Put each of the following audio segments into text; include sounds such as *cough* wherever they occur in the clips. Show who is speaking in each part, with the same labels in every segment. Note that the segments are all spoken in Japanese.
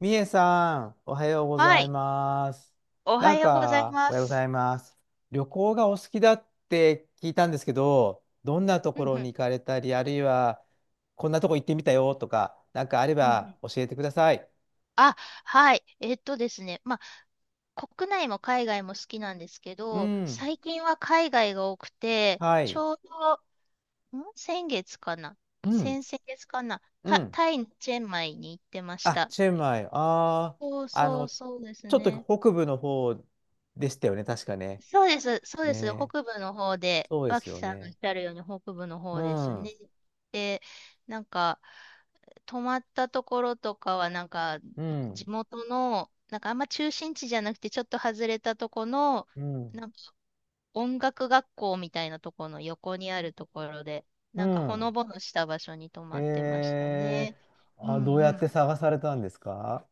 Speaker 1: みえさん、おはようご
Speaker 2: は
Speaker 1: ざい
Speaker 2: い。
Speaker 1: ます。
Speaker 2: おはようござい
Speaker 1: お
Speaker 2: ま
Speaker 1: はようござ
Speaker 2: す。
Speaker 1: います。旅行がお好きだって聞いたんですけど、どんなと
Speaker 2: うん
Speaker 1: ころ
Speaker 2: うん。
Speaker 1: に行かれたり、あるいは、こんなとこ行ってみたよとか、あれ
Speaker 2: うんう
Speaker 1: ば
Speaker 2: ん。
Speaker 1: 教えてください。
Speaker 2: あ、はい。えっとですね。国内も海外も好きなんですけ
Speaker 1: う
Speaker 2: ど、
Speaker 1: ん。
Speaker 2: 最近は海外が多くて、
Speaker 1: は
Speaker 2: ち
Speaker 1: い。
Speaker 2: ょうど、先月かな、
Speaker 1: うん。
Speaker 2: 先々月かな、
Speaker 1: うん。
Speaker 2: タイのチェンマイに行ってまし
Speaker 1: あ、
Speaker 2: た。
Speaker 1: チェンマイ。ああ、あの、
Speaker 2: そうです
Speaker 1: ちょっと
Speaker 2: ね。
Speaker 1: 北部の方でしたよね、確かね。
Speaker 2: そうです。
Speaker 1: ねえ。
Speaker 2: 北部の方で、
Speaker 1: そうで
Speaker 2: 脇
Speaker 1: すよ
Speaker 2: さんおっ
Speaker 1: ね。
Speaker 2: しゃるように北部の
Speaker 1: う
Speaker 2: 方です
Speaker 1: ん。う
Speaker 2: ね。で、なんか、泊まったところとかは、なんか、
Speaker 1: ん。
Speaker 2: 地元の、なんかあんま中心地じゃなくて、ちょっと外れたとこの、
Speaker 1: うん。
Speaker 2: なんか音楽学校みたいなところの横にあるところで、
Speaker 1: う
Speaker 2: なんかほ
Speaker 1: ん。
Speaker 2: のぼのした場所に泊まってました
Speaker 1: え
Speaker 2: ね。う
Speaker 1: あ、ど
Speaker 2: ん
Speaker 1: う
Speaker 2: う
Speaker 1: やっ
Speaker 2: ん。
Speaker 1: て探されたんですか？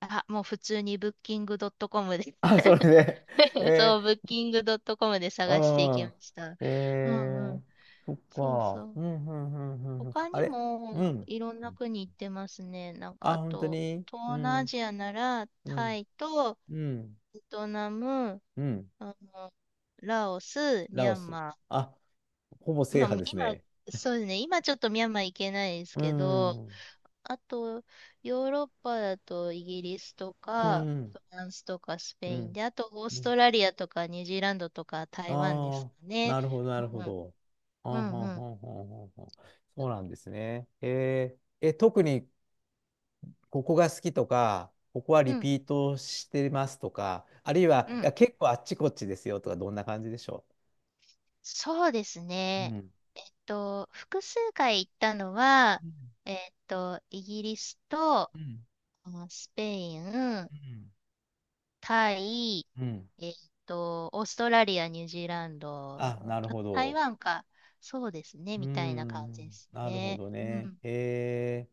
Speaker 2: あ、もう普通に Booking.com で、
Speaker 1: *laughs* あ、それで、
Speaker 2: *laughs*
Speaker 1: え
Speaker 2: そう、ブッキングドットコムで探していき
Speaker 1: ー、
Speaker 2: ました。
Speaker 1: うん、
Speaker 2: うんうん。
Speaker 1: そっ
Speaker 2: そうそ
Speaker 1: か、う
Speaker 2: う。
Speaker 1: ん、うん、うん、うん、うん
Speaker 2: 他
Speaker 1: あ
Speaker 2: に
Speaker 1: れ、
Speaker 2: も
Speaker 1: うん、
Speaker 2: いろんな国行ってますね。なんか
Speaker 1: あ、
Speaker 2: あ
Speaker 1: 本当
Speaker 2: と、
Speaker 1: に、う
Speaker 2: 東南ア
Speaker 1: ん、
Speaker 2: ジアなら
Speaker 1: う
Speaker 2: タ
Speaker 1: ん、
Speaker 2: イと
Speaker 1: うん、
Speaker 2: ベトナム、
Speaker 1: うん、
Speaker 2: あの、ラオス、ミ
Speaker 1: ラオ
Speaker 2: ャン
Speaker 1: ス。
Speaker 2: マ
Speaker 1: あ、ほぼ
Speaker 2: ー。
Speaker 1: 制覇です
Speaker 2: 今、
Speaker 1: ね。
Speaker 2: そうですね。今ちょっとミャンマー行けないです
Speaker 1: う
Speaker 2: けど、
Speaker 1: ん、うん、
Speaker 2: あと、ヨーロッパだとイギリスと
Speaker 1: う
Speaker 2: か、
Speaker 1: ん、
Speaker 2: フランスとかスペインで、あとオー
Speaker 1: う
Speaker 2: ス
Speaker 1: ん。
Speaker 2: トラリアとかニュージーランドとか台湾です
Speaker 1: あ
Speaker 2: か
Speaker 1: あ、
Speaker 2: ね。
Speaker 1: なるほど、な
Speaker 2: う
Speaker 1: るほ
Speaker 2: ん
Speaker 1: ど。あ
Speaker 2: う
Speaker 1: はんは
Speaker 2: んう
Speaker 1: んは
Speaker 2: ん。
Speaker 1: んはんはん、そうなんですね。え、特にここが好きとか、ここは
Speaker 2: う
Speaker 1: リ
Speaker 2: ん、
Speaker 1: ピートしてますとか、あるいは、
Speaker 2: う
Speaker 1: い
Speaker 2: ん。
Speaker 1: や、結構あっちこっちですよとか、どんな感じでしょ
Speaker 2: そうです
Speaker 1: う？う
Speaker 2: ね。
Speaker 1: ん。
Speaker 2: 複数回行ったのは、
Speaker 1: うん。
Speaker 2: イギリスと、
Speaker 1: う
Speaker 2: スペイン、
Speaker 1: ん。
Speaker 2: タイ、
Speaker 1: うん。
Speaker 2: えっオーストラリア、ニュージーランド、
Speaker 1: あ、なるほ
Speaker 2: 台
Speaker 1: ど。
Speaker 2: 湾か。そうですね、
Speaker 1: う
Speaker 2: みたいな感じで
Speaker 1: ん。
Speaker 2: す
Speaker 1: なるほ
Speaker 2: ね。
Speaker 1: ど
Speaker 2: う
Speaker 1: ね。
Speaker 2: ん。
Speaker 1: へえ。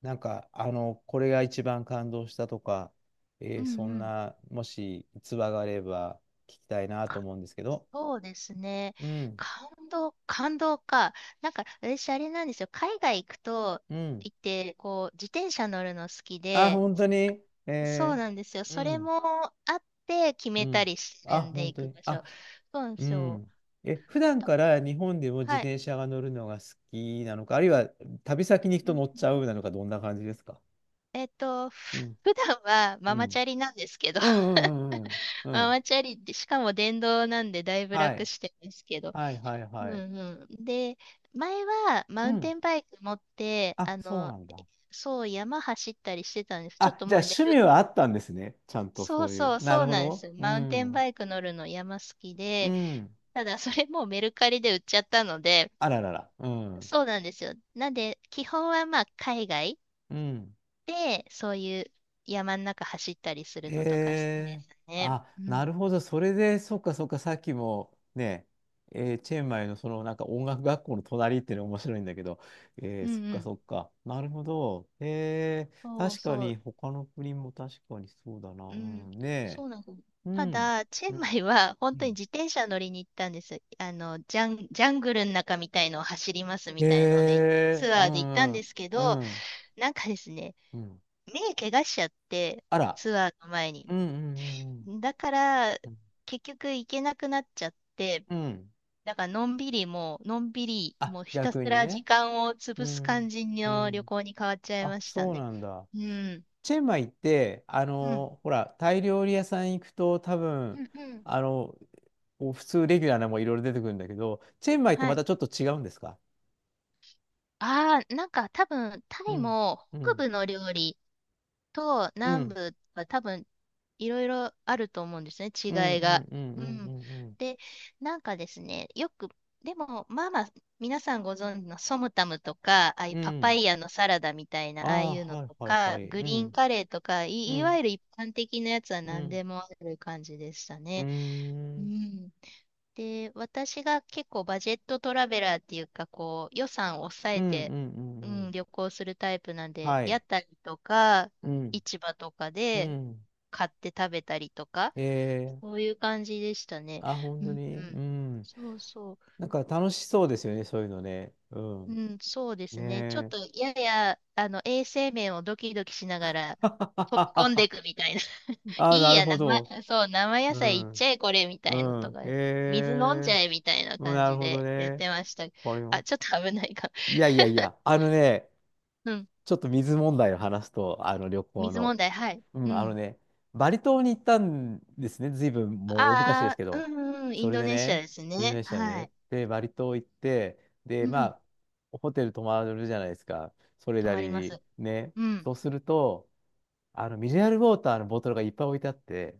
Speaker 1: これが一番感動したとか、
Speaker 2: うんう
Speaker 1: そん
Speaker 2: ん。
Speaker 1: な、もし逸話があれば聞きたいなと
Speaker 2: か
Speaker 1: 思うんですけど。
Speaker 2: そうですね。
Speaker 1: うん。
Speaker 2: 感動か。なんか、私、あれなんですよ。海外行くと、
Speaker 1: うん。
Speaker 2: 行って、こう、自転車乗るの好き
Speaker 1: あ、
Speaker 2: で、
Speaker 1: 本当に。
Speaker 2: そうなんですよ。
Speaker 1: う
Speaker 2: それ
Speaker 1: ん。
Speaker 2: もあって決
Speaker 1: う
Speaker 2: めた
Speaker 1: ん。
Speaker 2: りして
Speaker 1: あ、
Speaker 2: るんで
Speaker 1: 本
Speaker 2: 行
Speaker 1: 当
Speaker 2: く
Speaker 1: に。
Speaker 2: 場所。
Speaker 1: あ、
Speaker 2: そうなんで
Speaker 1: う
Speaker 2: すよ。
Speaker 1: ん。え、普段
Speaker 2: だ
Speaker 1: から日本でも自
Speaker 2: はい。
Speaker 1: 転車が乗るのが好きなのか、あるいは旅先に行く
Speaker 2: う
Speaker 1: と
Speaker 2: ん。
Speaker 1: 乗っちゃうなのか、どんな感じですか？
Speaker 2: *laughs*
Speaker 1: うん。
Speaker 2: 普段は
Speaker 1: う
Speaker 2: ママ
Speaker 1: ん。
Speaker 2: チャリなんですけど、
Speaker 1: うんうんう
Speaker 2: *laughs*
Speaker 1: んうん。う
Speaker 2: マ
Speaker 1: ん。
Speaker 2: マチャリで、しかも電動なんでだいぶ
Speaker 1: は
Speaker 2: 楽
Speaker 1: い。
Speaker 2: してるんですけど。
Speaker 1: はいはい
Speaker 2: う
Speaker 1: はい。
Speaker 2: んうん。で、前はマ
Speaker 1: う
Speaker 2: ウン
Speaker 1: ん。
Speaker 2: テンバイク持って、
Speaker 1: あ、そうなんだ。
Speaker 2: そう山走ったりしてたんです。ちょっ
Speaker 1: あ、
Speaker 2: と
Speaker 1: じ
Speaker 2: も
Speaker 1: ゃあ
Speaker 2: うメ
Speaker 1: 趣味
Speaker 2: ル
Speaker 1: はあったんですね。ちゃんとそういう。な
Speaker 2: そ
Speaker 1: る
Speaker 2: う
Speaker 1: ほ
Speaker 2: なんで
Speaker 1: ど。
Speaker 2: す。
Speaker 1: う
Speaker 2: マウンテン
Speaker 1: ん。
Speaker 2: バイク乗るの山好き
Speaker 1: う
Speaker 2: で、
Speaker 1: ん。
Speaker 2: ただそれもうメルカリで売っちゃったので、
Speaker 1: あららら。うん。
Speaker 2: そうなんですよ。なんで、基本はまあ海外
Speaker 1: うん。
Speaker 2: で、そういう山の中走ったりする
Speaker 1: へ
Speaker 2: のとか好きで
Speaker 1: え。
Speaker 2: すね。
Speaker 1: あ、
Speaker 2: う
Speaker 1: な
Speaker 2: ん。
Speaker 1: るほど。それで、そっかそっか、さっきもね、チェンマイのそのなんか音楽学校の隣っていうのが面白いんだけど、
Speaker 2: うん
Speaker 1: そっ
Speaker 2: う
Speaker 1: か
Speaker 2: ん。
Speaker 1: そっか。なるほど。へえ。
Speaker 2: そう
Speaker 1: 確か
Speaker 2: そ
Speaker 1: に、
Speaker 2: う。
Speaker 1: 他の国も確かにそうだな。
Speaker 2: う
Speaker 1: う
Speaker 2: ん。
Speaker 1: ん、ね
Speaker 2: そうなんです。
Speaker 1: え。う
Speaker 2: た
Speaker 1: ん。
Speaker 2: だ、チェ
Speaker 1: う
Speaker 2: ンマ
Speaker 1: ん。
Speaker 2: イは本
Speaker 1: う
Speaker 2: 当に
Speaker 1: ん
Speaker 2: 自転車乗りに行ったんです。ジャングルの中みたいのを走ります
Speaker 1: へ
Speaker 2: みたいので、
Speaker 1: え。
Speaker 2: ツ
Speaker 1: う
Speaker 2: アーで行ったん
Speaker 1: ん。うん。
Speaker 2: ですけど、なんかですね、
Speaker 1: うん。
Speaker 2: 目怪我しちゃって、
Speaker 1: あら。
Speaker 2: ツアーの前に。
Speaker 1: うんうんうんうん。
Speaker 2: だから、
Speaker 1: うん。
Speaker 2: 結局行けなくなっちゃって、
Speaker 1: うん
Speaker 2: だから、のんびり、
Speaker 1: あ、
Speaker 2: もうひたす
Speaker 1: 逆に
Speaker 2: ら時
Speaker 1: ね。
Speaker 2: 間を
Speaker 1: う
Speaker 2: 潰す感
Speaker 1: ん。
Speaker 2: じ
Speaker 1: う
Speaker 2: の旅
Speaker 1: ん。
Speaker 2: 行に変わっちゃい
Speaker 1: あ、
Speaker 2: ました
Speaker 1: そう
Speaker 2: ね。
Speaker 1: なんだ。
Speaker 2: うん。
Speaker 1: チェンマイって、
Speaker 2: うん。
Speaker 1: ほら、タイ料理屋さん行くと多分、
Speaker 2: うんうん。
Speaker 1: あの、こう普通レギュラーなのもいろいろ出てくるんだけど、チェンマイと
Speaker 2: は
Speaker 1: ま
Speaker 2: い。
Speaker 1: たちょっと違うんですか？
Speaker 2: ああ、なんか多分、タ
Speaker 1: う
Speaker 2: イ
Speaker 1: ん、
Speaker 2: も
Speaker 1: う
Speaker 2: 北
Speaker 1: ん、
Speaker 2: 部の料理、と
Speaker 1: う
Speaker 2: 南
Speaker 1: ん、
Speaker 2: 部は多分いろいろあると思うんですね、
Speaker 1: うん、
Speaker 2: 違い
Speaker 1: う
Speaker 2: が。
Speaker 1: ん、うん、う
Speaker 2: うん。
Speaker 1: ん、うん、
Speaker 2: で、なんかですね、よく、でも、まあまあ、皆さんご存知のソムタムとか、ああいう
Speaker 1: うん。
Speaker 2: パ
Speaker 1: う
Speaker 2: パ
Speaker 1: ん、
Speaker 2: イヤのサラダみたい
Speaker 1: あ
Speaker 2: な、ああ
Speaker 1: あ、
Speaker 2: いうの
Speaker 1: はい
Speaker 2: と
Speaker 1: はいは
Speaker 2: か、
Speaker 1: い。
Speaker 2: グ
Speaker 1: う
Speaker 2: リーン
Speaker 1: ん、
Speaker 2: カレーとか、
Speaker 1: う
Speaker 2: いわ
Speaker 1: ん、
Speaker 2: ゆる一般的なやつは
Speaker 1: う
Speaker 2: 何
Speaker 1: ん、
Speaker 2: でもある感じでした
Speaker 1: うー
Speaker 2: ね。う
Speaker 1: ん、
Speaker 2: ん。で、私が結構バジェットトラベラーっていうか、こう、予算を抑
Speaker 1: うん、
Speaker 2: え
Speaker 1: うん、
Speaker 2: て、
Speaker 1: う
Speaker 2: う
Speaker 1: ん、うん。
Speaker 2: ん、旅行するタイプなんで、
Speaker 1: は
Speaker 2: 屋
Speaker 1: い。
Speaker 2: 台とか、
Speaker 1: うん、
Speaker 2: 市場とか
Speaker 1: う
Speaker 2: で
Speaker 1: ん。
Speaker 2: 買って食べたりとか、
Speaker 1: ええ、
Speaker 2: そういう感じでしたね。
Speaker 1: あ、本
Speaker 2: う
Speaker 1: 当
Speaker 2: んう
Speaker 1: に。う
Speaker 2: ん。
Speaker 1: ん。
Speaker 2: そうそ
Speaker 1: なんか楽しそうですよね、そういうのね。う
Speaker 2: う。
Speaker 1: ん。
Speaker 2: うん、そうです
Speaker 1: ね
Speaker 2: ね。ちょっ
Speaker 1: え。
Speaker 2: と、やや、あの、衛生面をドキドキしながら、飛び込んでいく
Speaker 1: *laughs*
Speaker 2: みたいな。
Speaker 1: ああ、
Speaker 2: いい
Speaker 1: なる
Speaker 2: や、
Speaker 1: ほ
Speaker 2: 生、
Speaker 1: ど。
Speaker 2: そう、生野
Speaker 1: う
Speaker 2: 菜いっ
Speaker 1: ん。
Speaker 2: ちゃえ、これ、みたいの
Speaker 1: う
Speaker 2: と
Speaker 1: ん。
Speaker 2: かですね。
Speaker 1: え
Speaker 2: 水飲んじゃ
Speaker 1: え、
Speaker 2: え、みたいな
Speaker 1: うん、
Speaker 2: 感
Speaker 1: なる
Speaker 2: じ
Speaker 1: ほど
Speaker 2: でやっ
Speaker 1: ね。
Speaker 2: てました。
Speaker 1: これ
Speaker 2: あ、
Speaker 1: も。
Speaker 2: ちょっと危ないか。
Speaker 1: いやいやい
Speaker 2: *laughs*
Speaker 1: や、
Speaker 2: うん。
Speaker 1: ちょっと水問題を話すと、あの旅行
Speaker 2: 水問
Speaker 1: の。
Speaker 2: 題、はい。
Speaker 1: う
Speaker 2: う
Speaker 1: ん、あの
Speaker 2: ん。
Speaker 1: ね、バリ島に行ったんですね。ずいぶんもう大昔です
Speaker 2: あ
Speaker 1: け
Speaker 2: あ、
Speaker 1: ど。
Speaker 2: うんうん、イ
Speaker 1: そ
Speaker 2: ン
Speaker 1: れ
Speaker 2: ド
Speaker 1: で
Speaker 2: ネシア
Speaker 1: ね、
Speaker 2: です
Speaker 1: インド
Speaker 2: ね。
Speaker 1: ネシアの
Speaker 2: は
Speaker 1: ね。
Speaker 2: い。
Speaker 1: で、バリ島行って、で、
Speaker 2: う
Speaker 1: ま
Speaker 2: ん。
Speaker 1: あ、ホテル泊まるじゃないですか。それ
Speaker 2: 止
Speaker 1: な
Speaker 2: ま
Speaker 1: り
Speaker 2: りま
Speaker 1: に。
Speaker 2: す。
Speaker 1: ね。
Speaker 2: うん。
Speaker 1: そうすると、ミネラルウォーターのボトルがいっぱい置いてあって、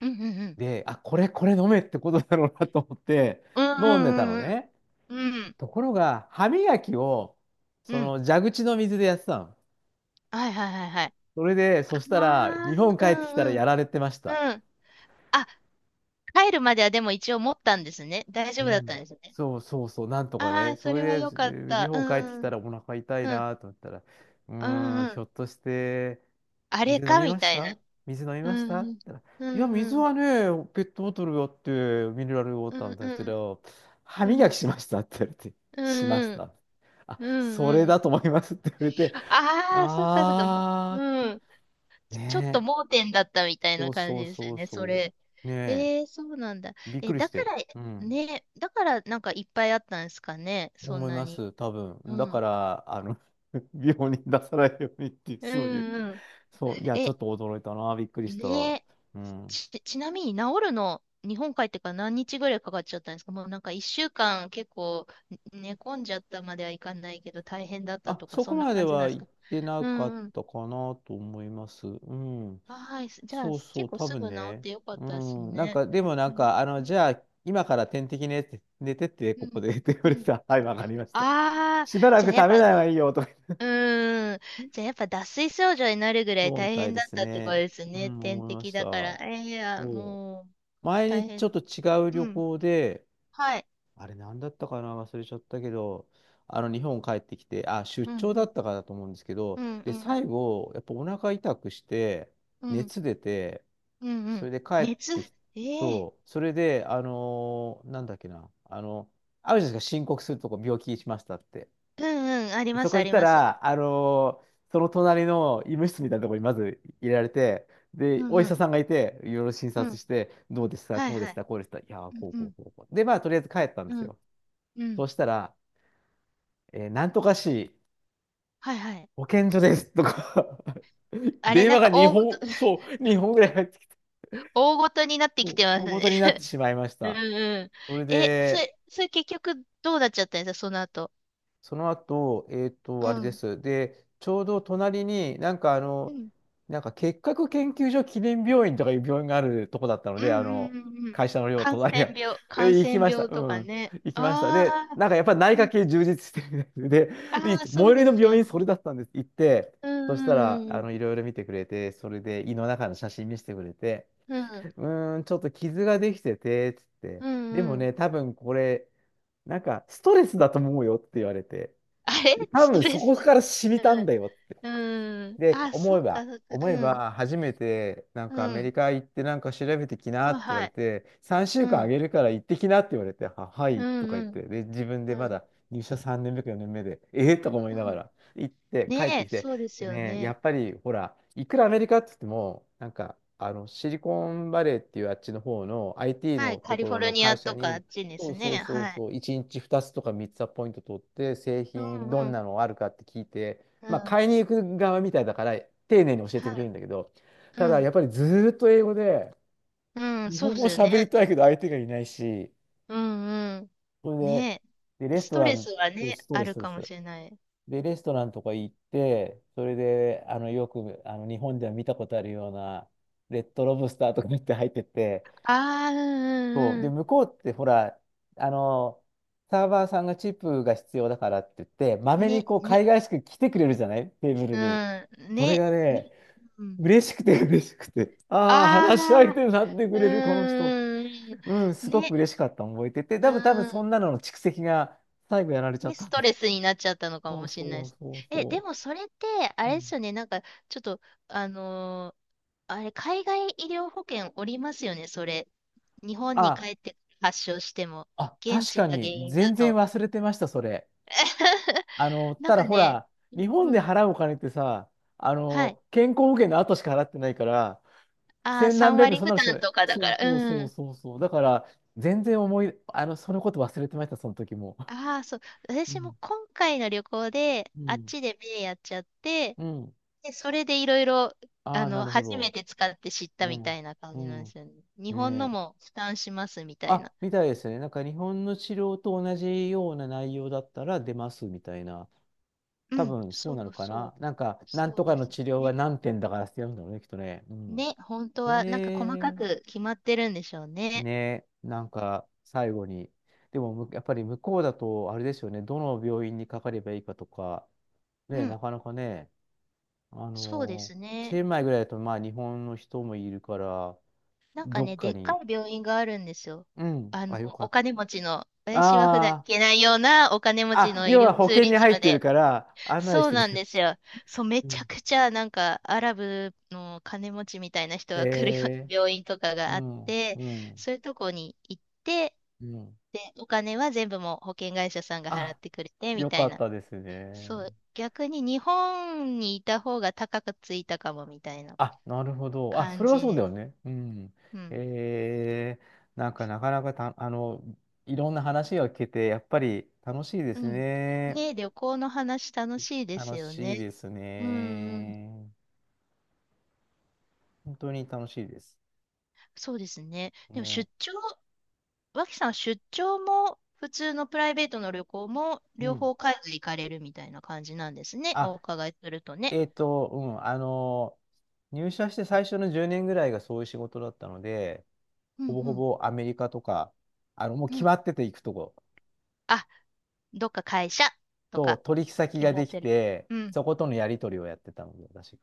Speaker 2: うん、うん、うん。
Speaker 1: で、あ、これ飲めってことだろうなと思って
Speaker 2: う
Speaker 1: 飲んでたの
Speaker 2: ん、うん、うん
Speaker 1: ね。
Speaker 2: うん。うん、
Speaker 1: ところが、歯磨きを、
Speaker 2: う
Speaker 1: そ
Speaker 2: ん。
Speaker 1: の蛇口の水でやってたの。
Speaker 2: はい、はい、はい、はい。
Speaker 1: それで、
Speaker 2: あ
Speaker 1: そしたら、日
Speaker 2: あ、
Speaker 1: 本帰
Speaker 2: う
Speaker 1: ってきたら
Speaker 2: ん、う
Speaker 1: や
Speaker 2: ん、
Speaker 1: られてました。
Speaker 2: うん。あ、帰るまではでも一応持ったんですね。大丈
Speaker 1: う
Speaker 2: 夫だった
Speaker 1: ん。
Speaker 2: んですね。
Speaker 1: そうそうそう、なんとか
Speaker 2: あ
Speaker 1: ね。
Speaker 2: あ、そ
Speaker 1: そ
Speaker 2: れは
Speaker 1: れ
Speaker 2: よ
Speaker 1: で、
Speaker 2: かっ
Speaker 1: で日
Speaker 2: た。う
Speaker 1: 本帰ってきた
Speaker 2: ん。
Speaker 1: らお腹痛い
Speaker 2: うん
Speaker 1: なと思ったら、う
Speaker 2: う
Speaker 1: ーん、
Speaker 2: んう
Speaker 1: ひ
Speaker 2: ん。
Speaker 1: ょっとして、
Speaker 2: あれ
Speaker 1: 水飲
Speaker 2: か
Speaker 1: み
Speaker 2: み
Speaker 1: まし
Speaker 2: たいな。
Speaker 1: た水飲み
Speaker 2: う
Speaker 1: ましたっ
Speaker 2: ん
Speaker 1: て
Speaker 2: うん。
Speaker 1: 言ったら、
Speaker 2: う
Speaker 1: いや、
Speaker 2: んう
Speaker 1: 水
Speaker 2: ん。
Speaker 1: はね、ペットボトルがあって、ミネラルウォー
Speaker 2: う
Speaker 1: ターな
Speaker 2: ん
Speaker 1: んで
Speaker 2: う
Speaker 1: すけ
Speaker 2: ん。
Speaker 1: ど、歯
Speaker 2: う
Speaker 1: 磨
Speaker 2: ん
Speaker 1: きしましたって言われて、
Speaker 2: う
Speaker 1: しまし
Speaker 2: ん。
Speaker 1: た。あ、
Speaker 2: うん
Speaker 1: それ
Speaker 2: うん。
Speaker 1: だと思いますって言われて、
Speaker 2: ああー、そっかそっか。
Speaker 1: あ
Speaker 2: うん。
Speaker 1: ー、
Speaker 2: ちょっと
Speaker 1: ねえ、
Speaker 2: 盲点だったみたい
Speaker 1: そ
Speaker 2: な
Speaker 1: う
Speaker 2: 感じ
Speaker 1: そう
Speaker 2: です
Speaker 1: そ
Speaker 2: よ
Speaker 1: う
Speaker 2: ね、そ
Speaker 1: そ
Speaker 2: れ。
Speaker 1: う、ねえ、
Speaker 2: えー、そうなんだ。
Speaker 1: びっ
Speaker 2: え、
Speaker 1: くり
Speaker 2: だ
Speaker 1: し
Speaker 2: か
Speaker 1: て、う
Speaker 2: ら、
Speaker 1: ん。
Speaker 2: ね、だからなんかいっぱいあったんですかね、そん
Speaker 1: 思い
Speaker 2: な
Speaker 1: ま
Speaker 2: に。
Speaker 1: す、多分。
Speaker 2: う
Speaker 1: だか
Speaker 2: ん。
Speaker 1: ら、*laughs* 病に出さないようにっていう、
Speaker 2: う
Speaker 1: そういう、
Speaker 2: んうん。
Speaker 1: そう、いや、ちょ
Speaker 2: え、
Speaker 1: っと驚いたな、びっくりした。
Speaker 2: ねえ。
Speaker 1: うん。
Speaker 2: ちなみに治るの、日本帰ってから何日ぐらいかかっちゃったんですか？もうなんか一週間結構ね、寝込んじゃったまではいかないけど大変だった
Speaker 1: あ、
Speaker 2: とか
Speaker 1: そこ
Speaker 2: そんな
Speaker 1: まで
Speaker 2: 感じなん
Speaker 1: は
Speaker 2: です
Speaker 1: 行っ
Speaker 2: か？
Speaker 1: てな
Speaker 2: う
Speaker 1: かっ
Speaker 2: んうん。
Speaker 1: たかなと思います。うん。
Speaker 2: あ、はい。じゃあ
Speaker 1: そうそ
Speaker 2: 結
Speaker 1: う、
Speaker 2: 構
Speaker 1: 多
Speaker 2: す
Speaker 1: 分
Speaker 2: ぐ治っ
Speaker 1: ね。
Speaker 2: てよかっ
Speaker 1: う
Speaker 2: たです
Speaker 1: ん。なん
Speaker 2: ね。
Speaker 1: か、でもなん
Speaker 2: ね、
Speaker 1: か、あの、
Speaker 2: う
Speaker 1: じ
Speaker 2: ん。
Speaker 1: ゃあ、今から点滴ねって、寝てって、
Speaker 2: う
Speaker 1: ここ
Speaker 2: ん。
Speaker 1: で *laughs* って言わ
Speaker 2: う
Speaker 1: れて
Speaker 2: ん。
Speaker 1: た。はい、わかりました。
Speaker 2: ああ、
Speaker 1: しばら
Speaker 2: じ
Speaker 1: く
Speaker 2: ゃあやっ
Speaker 1: 食
Speaker 2: ぱ、
Speaker 1: べないはいいよ、とか言って。
Speaker 2: うーん。じゃあやっぱ脱水症状になるぐらい
Speaker 1: そうみ
Speaker 2: 大
Speaker 1: たい
Speaker 2: 変
Speaker 1: で
Speaker 2: だっ
Speaker 1: す
Speaker 2: たってこと
Speaker 1: ね。
Speaker 2: です
Speaker 1: う
Speaker 2: ね。
Speaker 1: ん、
Speaker 2: 点
Speaker 1: 思いま
Speaker 2: 滴
Speaker 1: した。
Speaker 2: だから。
Speaker 1: そ
Speaker 2: えー、いや、
Speaker 1: う。
Speaker 2: もう、
Speaker 1: 前
Speaker 2: 大
Speaker 1: にちょ
Speaker 2: 変。
Speaker 1: っと違う旅
Speaker 2: うん。
Speaker 1: 行で、
Speaker 2: はい。
Speaker 1: あれ何だったかな忘れちゃったけど、あの日本帰ってきて、あ、出
Speaker 2: うんう
Speaker 1: 張だ
Speaker 2: ん
Speaker 1: ったかだと思うんですけ
Speaker 2: う
Speaker 1: ど、
Speaker 2: ん
Speaker 1: で、
Speaker 2: うん。
Speaker 1: 最後、やっぱお腹痛くして、
Speaker 2: うん。
Speaker 1: 熱出て、
Speaker 2: うんう
Speaker 1: そ
Speaker 2: ん。
Speaker 1: れで帰っ
Speaker 2: 熱、
Speaker 1: てき、
Speaker 2: ええ、
Speaker 1: そう、それで、なんだっけな、あるじゃないですか、申告するとこ病気しましたって。
Speaker 2: うんうん。ありま
Speaker 1: そ
Speaker 2: す、
Speaker 1: こ
Speaker 2: あ
Speaker 1: 行っ
Speaker 2: り
Speaker 1: た
Speaker 2: ます。
Speaker 1: ら、その隣の医務室みたいなところにまず入れられて、
Speaker 2: う
Speaker 1: で、
Speaker 2: ん
Speaker 1: お医
Speaker 2: う
Speaker 1: 者
Speaker 2: ん。
Speaker 1: さんがいて、いろいろ診
Speaker 2: う
Speaker 1: 察
Speaker 2: ん。
Speaker 1: して、どうでした、
Speaker 2: はい
Speaker 1: こうで
Speaker 2: は
Speaker 1: し
Speaker 2: い。
Speaker 1: た、こうでした、いやー、こう
Speaker 2: う
Speaker 1: こ
Speaker 2: ん
Speaker 1: うこうこう。で、まあ、とりあえず帰ったん
Speaker 2: う
Speaker 1: です
Speaker 2: ん。うん。
Speaker 1: よ。
Speaker 2: う
Speaker 1: そ
Speaker 2: ん。
Speaker 1: うしたら、なんとか市
Speaker 2: はいはい。
Speaker 1: 保健所ですとか *laughs*
Speaker 2: あれ、
Speaker 1: 電
Speaker 2: なん
Speaker 1: 話が
Speaker 2: か大ごと、
Speaker 1: 2本、そ
Speaker 2: *laughs*
Speaker 1: う、2本ぐらい入ってきて、
Speaker 2: 大ごとになって
Speaker 1: そ
Speaker 2: きて
Speaker 1: う
Speaker 2: ます
Speaker 1: 大ご
Speaker 2: ね。
Speaker 1: とになってしまい
Speaker 2: *laughs*
Speaker 1: まし
Speaker 2: うん
Speaker 1: た。
Speaker 2: うん。
Speaker 1: それ
Speaker 2: *laughs* え、
Speaker 1: で、
Speaker 2: それ結局どうなっちゃったんですか、その後？
Speaker 1: その後、えっと、
Speaker 2: う
Speaker 1: あれで
Speaker 2: ん。
Speaker 1: す。で、ちょうど隣になんかあ
Speaker 2: う
Speaker 1: の、
Speaker 2: ん。
Speaker 1: なんか結核研究所記念病院とかいう病院があるとこだったの
Speaker 2: うんう
Speaker 1: で、あの、
Speaker 2: んうんうん。
Speaker 1: 会社の寮隣が。*laughs* え、
Speaker 2: 感
Speaker 1: 行き
Speaker 2: 染
Speaker 1: ました。
Speaker 2: 病
Speaker 1: う
Speaker 2: とか
Speaker 1: ん。
Speaker 2: ね。
Speaker 1: 行きました。で、
Speaker 2: ああ、
Speaker 1: なんかやっぱり内
Speaker 2: う
Speaker 1: 科
Speaker 2: ん。
Speaker 1: 系充実してるみたいで、で、い
Speaker 2: ああ、
Speaker 1: 最
Speaker 2: そ
Speaker 1: 寄
Speaker 2: う
Speaker 1: り
Speaker 2: で
Speaker 1: の
Speaker 2: す
Speaker 1: 病
Speaker 2: よ
Speaker 1: 院それ
Speaker 2: ね。
Speaker 1: だったんです。行って、
Speaker 2: うん
Speaker 1: そしたら、
Speaker 2: うんうん。
Speaker 1: いろいろ見てくれて、それで胃の中の写真見せてくれて、
Speaker 2: うん。
Speaker 1: うーん、ちょっと傷ができてて、つって、
Speaker 2: うん
Speaker 1: で
Speaker 2: う
Speaker 1: も
Speaker 2: ん。
Speaker 1: ね、多分これ、なんかストレスだと思うよって言われて、
Speaker 2: *laughs* あれ
Speaker 1: 多
Speaker 2: スト
Speaker 1: 分そ
Speaker 2: レス。
Speaker 1: こから染み
Speaker 2: う
Speaker 1: たん
Speaker 2: ん。
Speaker 1: だよって。
Speaker 2: うん。
Speaker 1: で、
Speaker 2: あ、そうか。
Speaker 1: 思え
Speaker 2: うん。
Speaker 1: ば、初めて、なん
Speaker 2: う
Speaker 1: かアメリ
Speaker 2: ん。
Speaker 1: カ行ってなんか調べてきな
Speaker 2: は
Speaker 1: っ
Speaker 2: い、
Speaker 1: て言わ
Speaker 2: は
Speaker 1: れ
Speaker 2: い。
Speaker 1: て、3
Speaker 2: う
Speaker 1: 週間あ
Speaker 2: ん。
Speaker 1: げるから行ってきなって言われて、は、は
Speaker 2: う
Speaker 1: いと
Speaker 2: ん、
Speaker 1: か
Speaker 2: う
Speaker 1: 言っ
Speaker 2: ん。
Speaker 1: て、で、自分
Speaker 2: う
Speaker 1: でま
Speaker 2: ん。
Speaker 1: だ入社3年目か4年目で、ええとか思い
Speaker 2: う
Speaker 1: なが
Speaker 2: ん。
Speaker 1: ら行って
Speaker 2: ね
Speaker 1: 帰って
Speaker 2: え、
Speaker 1: きて、
Speaker 2: そうです
Speaker 1: で
Speaker 2: よ
Speaker 1: ね、や
Speaker 2: ね。
Speaker 1: っぱりほら、いくらアメリカって言っても、シリコンバレーっていうあっちの方の IT
Speaker 2: はい。
Speaker 1: の
Speaker 2: カ
Speaker 1: と
Speaker 2: リ
Speaker 1: こ
Speaker 2: フォ
Speaker 1: ろ
Speaker 2: ル
Speaker 1: の
Speaker 2: ニア
Speaker 1: 会社
Speaker 2: とかあっ
Speaker 1: に、
Speaker 2: ちで
Speaker 1: そ
Speaker 2: す
Speaker 1: う
Speaker 2: ね。
Speaker 1: そうそう
Speaker 2: はい。
Speaker 1: そう、1日2つとか3つはポイント取って、製
Speaker 2: う
Speaker 1: 品
Speaker 2: ん、
Speaker 1: ど
Speaker 2: う
Speaker 1: ん
Speaker 2: ん。
Speaker 1: なのあるかって聞いて、
Speaker 2: う
Speaker 1: まあ、
Speaker 2: ん。
Speaker 1: 買いに行く側みたいだから、丁寧に教えてくれ
Speaker 2: は
Speaker 1: る
Speaker 2: い。
Speaker 1: んだけど、
Speaker 2: う
Speaker 1: ただ、
Speaker 2: ん。
Speaker 1: やっぱりずーっと英語で、
Speaker 2: うん。
Speaker 1: 日
Speaker 2: そ
Speaker 1: 本
Speaker 2: うで
Speaker 1: 語を
Speaker 2: すよね。
Speaker 1: 喋りたいけど相手がいないし、
Speaker 2: うん、うん。
Speaker 1: それ
Speaker 2: ね
Speaker 1: で、で、
Speaker 2: え。
Speaker 1: レス
Speaker 2: ス
Speaker 1: ト
Speaker 2: ト
Speaker 1: ラ
Speaker 2: レ
Speaker 1: ン、
Speaker 2: スは
Speaker 1: そう
Speaker 2: ね、
Speaker 1: スト
Speaker 2: あ
Speaker 1: レス、
Speaker 2: るか
Speaker 1: スト
Speaker 2: も
Speaker 1: レス。
Speaker 2: しれない。
Speaker 1: で、レストランとか行って、それで、よく、日本では見たことあるような、レッドロブスターとかって入ってて、
Speaker 2: ああ、うん、
Speaker 1: そ
Speaker 2: う
Speaker 1: う。
Speaker 2: ん、う
Speaker 1: で、
Speaker 2: ん。
Speaker 1: 向こうって、ほら、あの、サーバーさんがチップが必要だからって言って、まめに
Speaker 2: ね、
Speaker 1: こう、海
Speaker 2: に、
Speaker 1: 外しく来てくれるじゃないテーブル
Speaker 2: う
Speaker 1: に。
Speaker 2: ん。
Speaker 1: それ
Speaker 2: ね、
Speaker 1: がね、
Speaker 2: に、うん。
Speaker 1: 嬉しくて *laughs* 嬉しくて、ああ、話し相
Speaker 2: ああ、
Speaker 1: 手になって
Speaker 2: う
Speaker 1: くれる、この人。
Speaker 2: ー
Speaker 1: うん、す
Speaker 2: ん。
Speaker 1: ごく
Speaker 2: ね。
Speaker 1: 嬉しかったの覚えてて、
Speaker 2: う
Speaker 1: 多分
Speaker 2: ー
Speaker 1: そん
Speaker 2: ん。
Speaker 1: なのの蓄積が最後やられちゃっ
Speaker 2: で、ス
Speaker 1: た。
Speaker 2: トレスになっちゃったのか
Speaker 1: そ
Speaker 2: も
Speaker 1: う
Speaker 2: しれない
Speaker 1: そ
Speaker 2: で
Speaker 1: う
Speaker 2: す。
Speaker 1: そう
Speaker 2: え、で
Speaker 1: そ
Speaker 2: もそれって、あ
Speaker 1: う。う
Speaker 2: れで
Speaker 1: ん
Speaker 2: すよね。なんか、ちょっと、あのーあれ、海外医療保険おりますよね、それ。日本に
Speaker 1: あ、
Speaker 2: 帰って発症しても、
Speaker 1: あ、
Speaker 2: 現
Speaker 1: 確
Speaker 2: 地
Speaker 1: か
Speaker 2: が原
Speaker 1: に、
Speaker 2: 因だ
Speaker 1: 全然
Speaker 2: と。
Speaker 1: 忘れてました、それ。
Speaker 2: *laughs* なん
Speaker 1: た
Speaker 2: か
Speaker 1: だほ
Speaker 2: ね、
Speaker 1: ら、
Speaker 2: う
Speaker 1: 日
Speaker 2: ん
Speaker 1: 本
Speaker 2: う
Speaker 1: で
Speaker 2: ん。
Speaker 1: 払うお金ってさ、
Speaker 2: はい。
Speaker 1: 健康保険の後しか払ってないから、
Speaker 2: ああ、
Speaker 1: 千何
Speaker 2: 3
Speaker 1: 百円、
Speaker 2: 割
Speaker 1: そん
Speaker 2: 負
Speaker 1: なのしか
Speaker 2: 担
Speaker 1: ない。
Speaker 2: とかだ
Speaker 1: そ
Speaker 2: か
Speaker 1: う
Speaker 2: ら。
Speaker 1: そう
Speaker 2: う
Speaker 1: そう
Speaker 2: ん。
Speaker 1: そうそう。だから、全然思い、そのこと忘れてました、その時も。
Speaker 2: ああ、そう。
Speaker 1: う
Speaker 2: 私も
Speaker 1: ん、
Speaker 2: 今回の旅行で、
Speaker 1: う
Speaker 2: あっ
Speaker 1: ん、
Speaker 2: ちで目やっちゃって、
Speaker 1: うん。
Speaker 2: で、それでいろいろ、
Speaker 1: あ
Speaker 2: あ
Speaker 1: あ、な
Speaker 2: の、
Speaker 1: るほ
Speaker 2: 初め
Speaker 1: ど。
Speaker 2: て使って知った
Speaker 1: う
Speaker 2: みた
Speaker 1: ん。
Speaker 2: いな感
Speaker 1: う
Speaker 2: じなんで
Speaker 1: ん。
Speaker 2: すよね。日本の
Speaker 1: ねえ。
Speaker 2: も負担しますみたい
Speaker 1: あ、
Speaker 2: な。
Speaker 1: みたいですね。なんか日本の治療と同じような内容だったら出ますみたいな。
Speaker 2: う
Speaker 1: 多
Speaker 2: ん、
Speaker 1: 分そうなのかな。なんか、なん
Speaker 2: そう
Speaker 1: とか
Speaker 2: で
Speaker 1: の
Speaker 2: す
Speaker 1: 治療は
Speaker 2: ね。
Speaker 1: 何点だからってやるんだろうね、きっとね。うん。
Speaker 2: ね、本当はなんか細
Speaker 1: へ
Speaker 2: か
Speaker 1: え。
Speaker 2: く決まってるんでしょうね。
Speaker 1: ねえ。なんか、最後に。でも、むやっぱり向こうだと、あれですよね。どの病院にかかればいいかとか、ねえ、
Speaker 2: うん、
Speaker 1: なかなかね、あ
Speaker 2: そうで
Speaker 1: の
Speaker 2: す
Speaker 1: チ
Speaker 2: ね。
Speaker 1: ェンマイぐらいだと、まあ、日本の人もいるから、
Speaker 2: なんか
Speaker 1: どっ
Speaker 2: ね、
Speaker 1: か
Speaker 2: でっか
Speaker 1: に、
Speaker 2: い病院があるんですよ。
Speaker 1: うん。
Speaker 2: あ
Speaker 1: あ、
Speaker 2: の、
Speaker 1: よかっ
Speaker 2: お
Speaker 1: た。
Speaker 2: 金持ちの、私は普段行
Speaker 1: あ
Speaker 2: けないようなお金持ち
Speaker 1: あ、あ、
Speaker 2: の医
Speaker 1: 要は
Speaker 2: 療
Speaker 1: 保
Speaker 2: ツー
Speaker 1: 険
Speaker 2: リ
Speaker 1: に
Speaker 2: ズ
Speaker 1: 入っ
Speaker 2: ム
Speaker 1: てる
Speaker 2: で、
Speaker 1: から案内し
Speaker 2: そう
Speaker 1: てく
Speaker 2: な
Speaker 1: れ
Speaker 2: ん
Speaker 1: る。
Speaker 2: ですよ。そう、め
Speaker 1: う
Speaker 2: ちゃ
Speaker 1: ん
Speaker 2: くちゃなんかアラブの金持ちみたいな人
Speaker 1: へ
Speaker 2: が来るような
Speaker 1: え、
Speaker 2: 病院とか
Speaker 1: う
Speaker 2: があっ
Speaker 1: ん、
Speaker 2: て、
Speaker 1: うん、
Speaker 2: そういうとこに行って、
Speaker 1: うん。
Speaker 2: で、お金は全部もう保険会社さんが払っ
Speaker 1: あ、
Speaker 2: てくれてみ
Speaker 1: よ
Speaker 2: た
Speaker 1: か
Speaker 2: い
Speaker 1: っ
Speaker 2: な。
Speaker 1: たです
Speaker 2: そ
Speaker 1: ね。
Speaker 2: う、逆に日本にいた方が高くついたかもみたいな
Speaker 1: あ、なるほど。あ、そ
Speaker 2: 感
Speaker 1: れは
Speaker 2: じ
Speaker 1: そうだ
Speaker 2: で
Speaker 1: よ
Speaker 2: す。
Speaker 1: ね。うん。
Speaker 2: うん。
Speaker 1: ええ、なんかなかなかた、いろんな話が聞けて、やっぱり楽しいで
Speaker 2: う
Speaker 1: す
Speaker 2: ん。
Speaker 1: ね。
Speaker 2: ねえ、旅行の話楽しいです
Speaker 1: 楽
Speaker 2: よ
Speaker 1: しい
Speaker 2: ね。
Speaker 1: です
Speaker 2: うんうん。
Speaker 1: ね。本当に楽しいです。
Speaker 2: そうですね。でも
Speaker 1: ね。
Speaker 2: 出張、脇さん、出張も普通のプライベートの旅行も
Speaker 1: う
Speaker 2: 両
Speaker 1: ん。
Speaker 2: 方海外行かれるみたいな感じなんですね。お
Speaker 1: あ、
Speaker 2: 伺いするとね。
Speaker 1: えっと、うん、入社して最初の10年ぐらいがそういう仕事だったので、
Speaker 2: う
Speaker 1: ほ
Speaker 2: ん
Speaker 1: ぼ
Speaker 2: う
Speaker 1: ほ
Speaker 2: ん
Speaker 1: ぼアメリカとか、もう
Speaker 2: う
Speaker 1: 決
Speaker 2: ん。
Speaker 1: まってて行くとこ
Speaker 2: あ、どっか会社と
Speaker 1: と、
Speaker 2: か
Speaker 1: 取引先
Speaker 2: 決
Speaker 1: が
Speaker 2: ま
Speaker 1: で
Speaker 2: っ
Speaker 1: き
Speaker 2: てる。
Speaker 1: て、
Speaker 2: うん
Speaker 1: そことのやり取りをやってたので、私。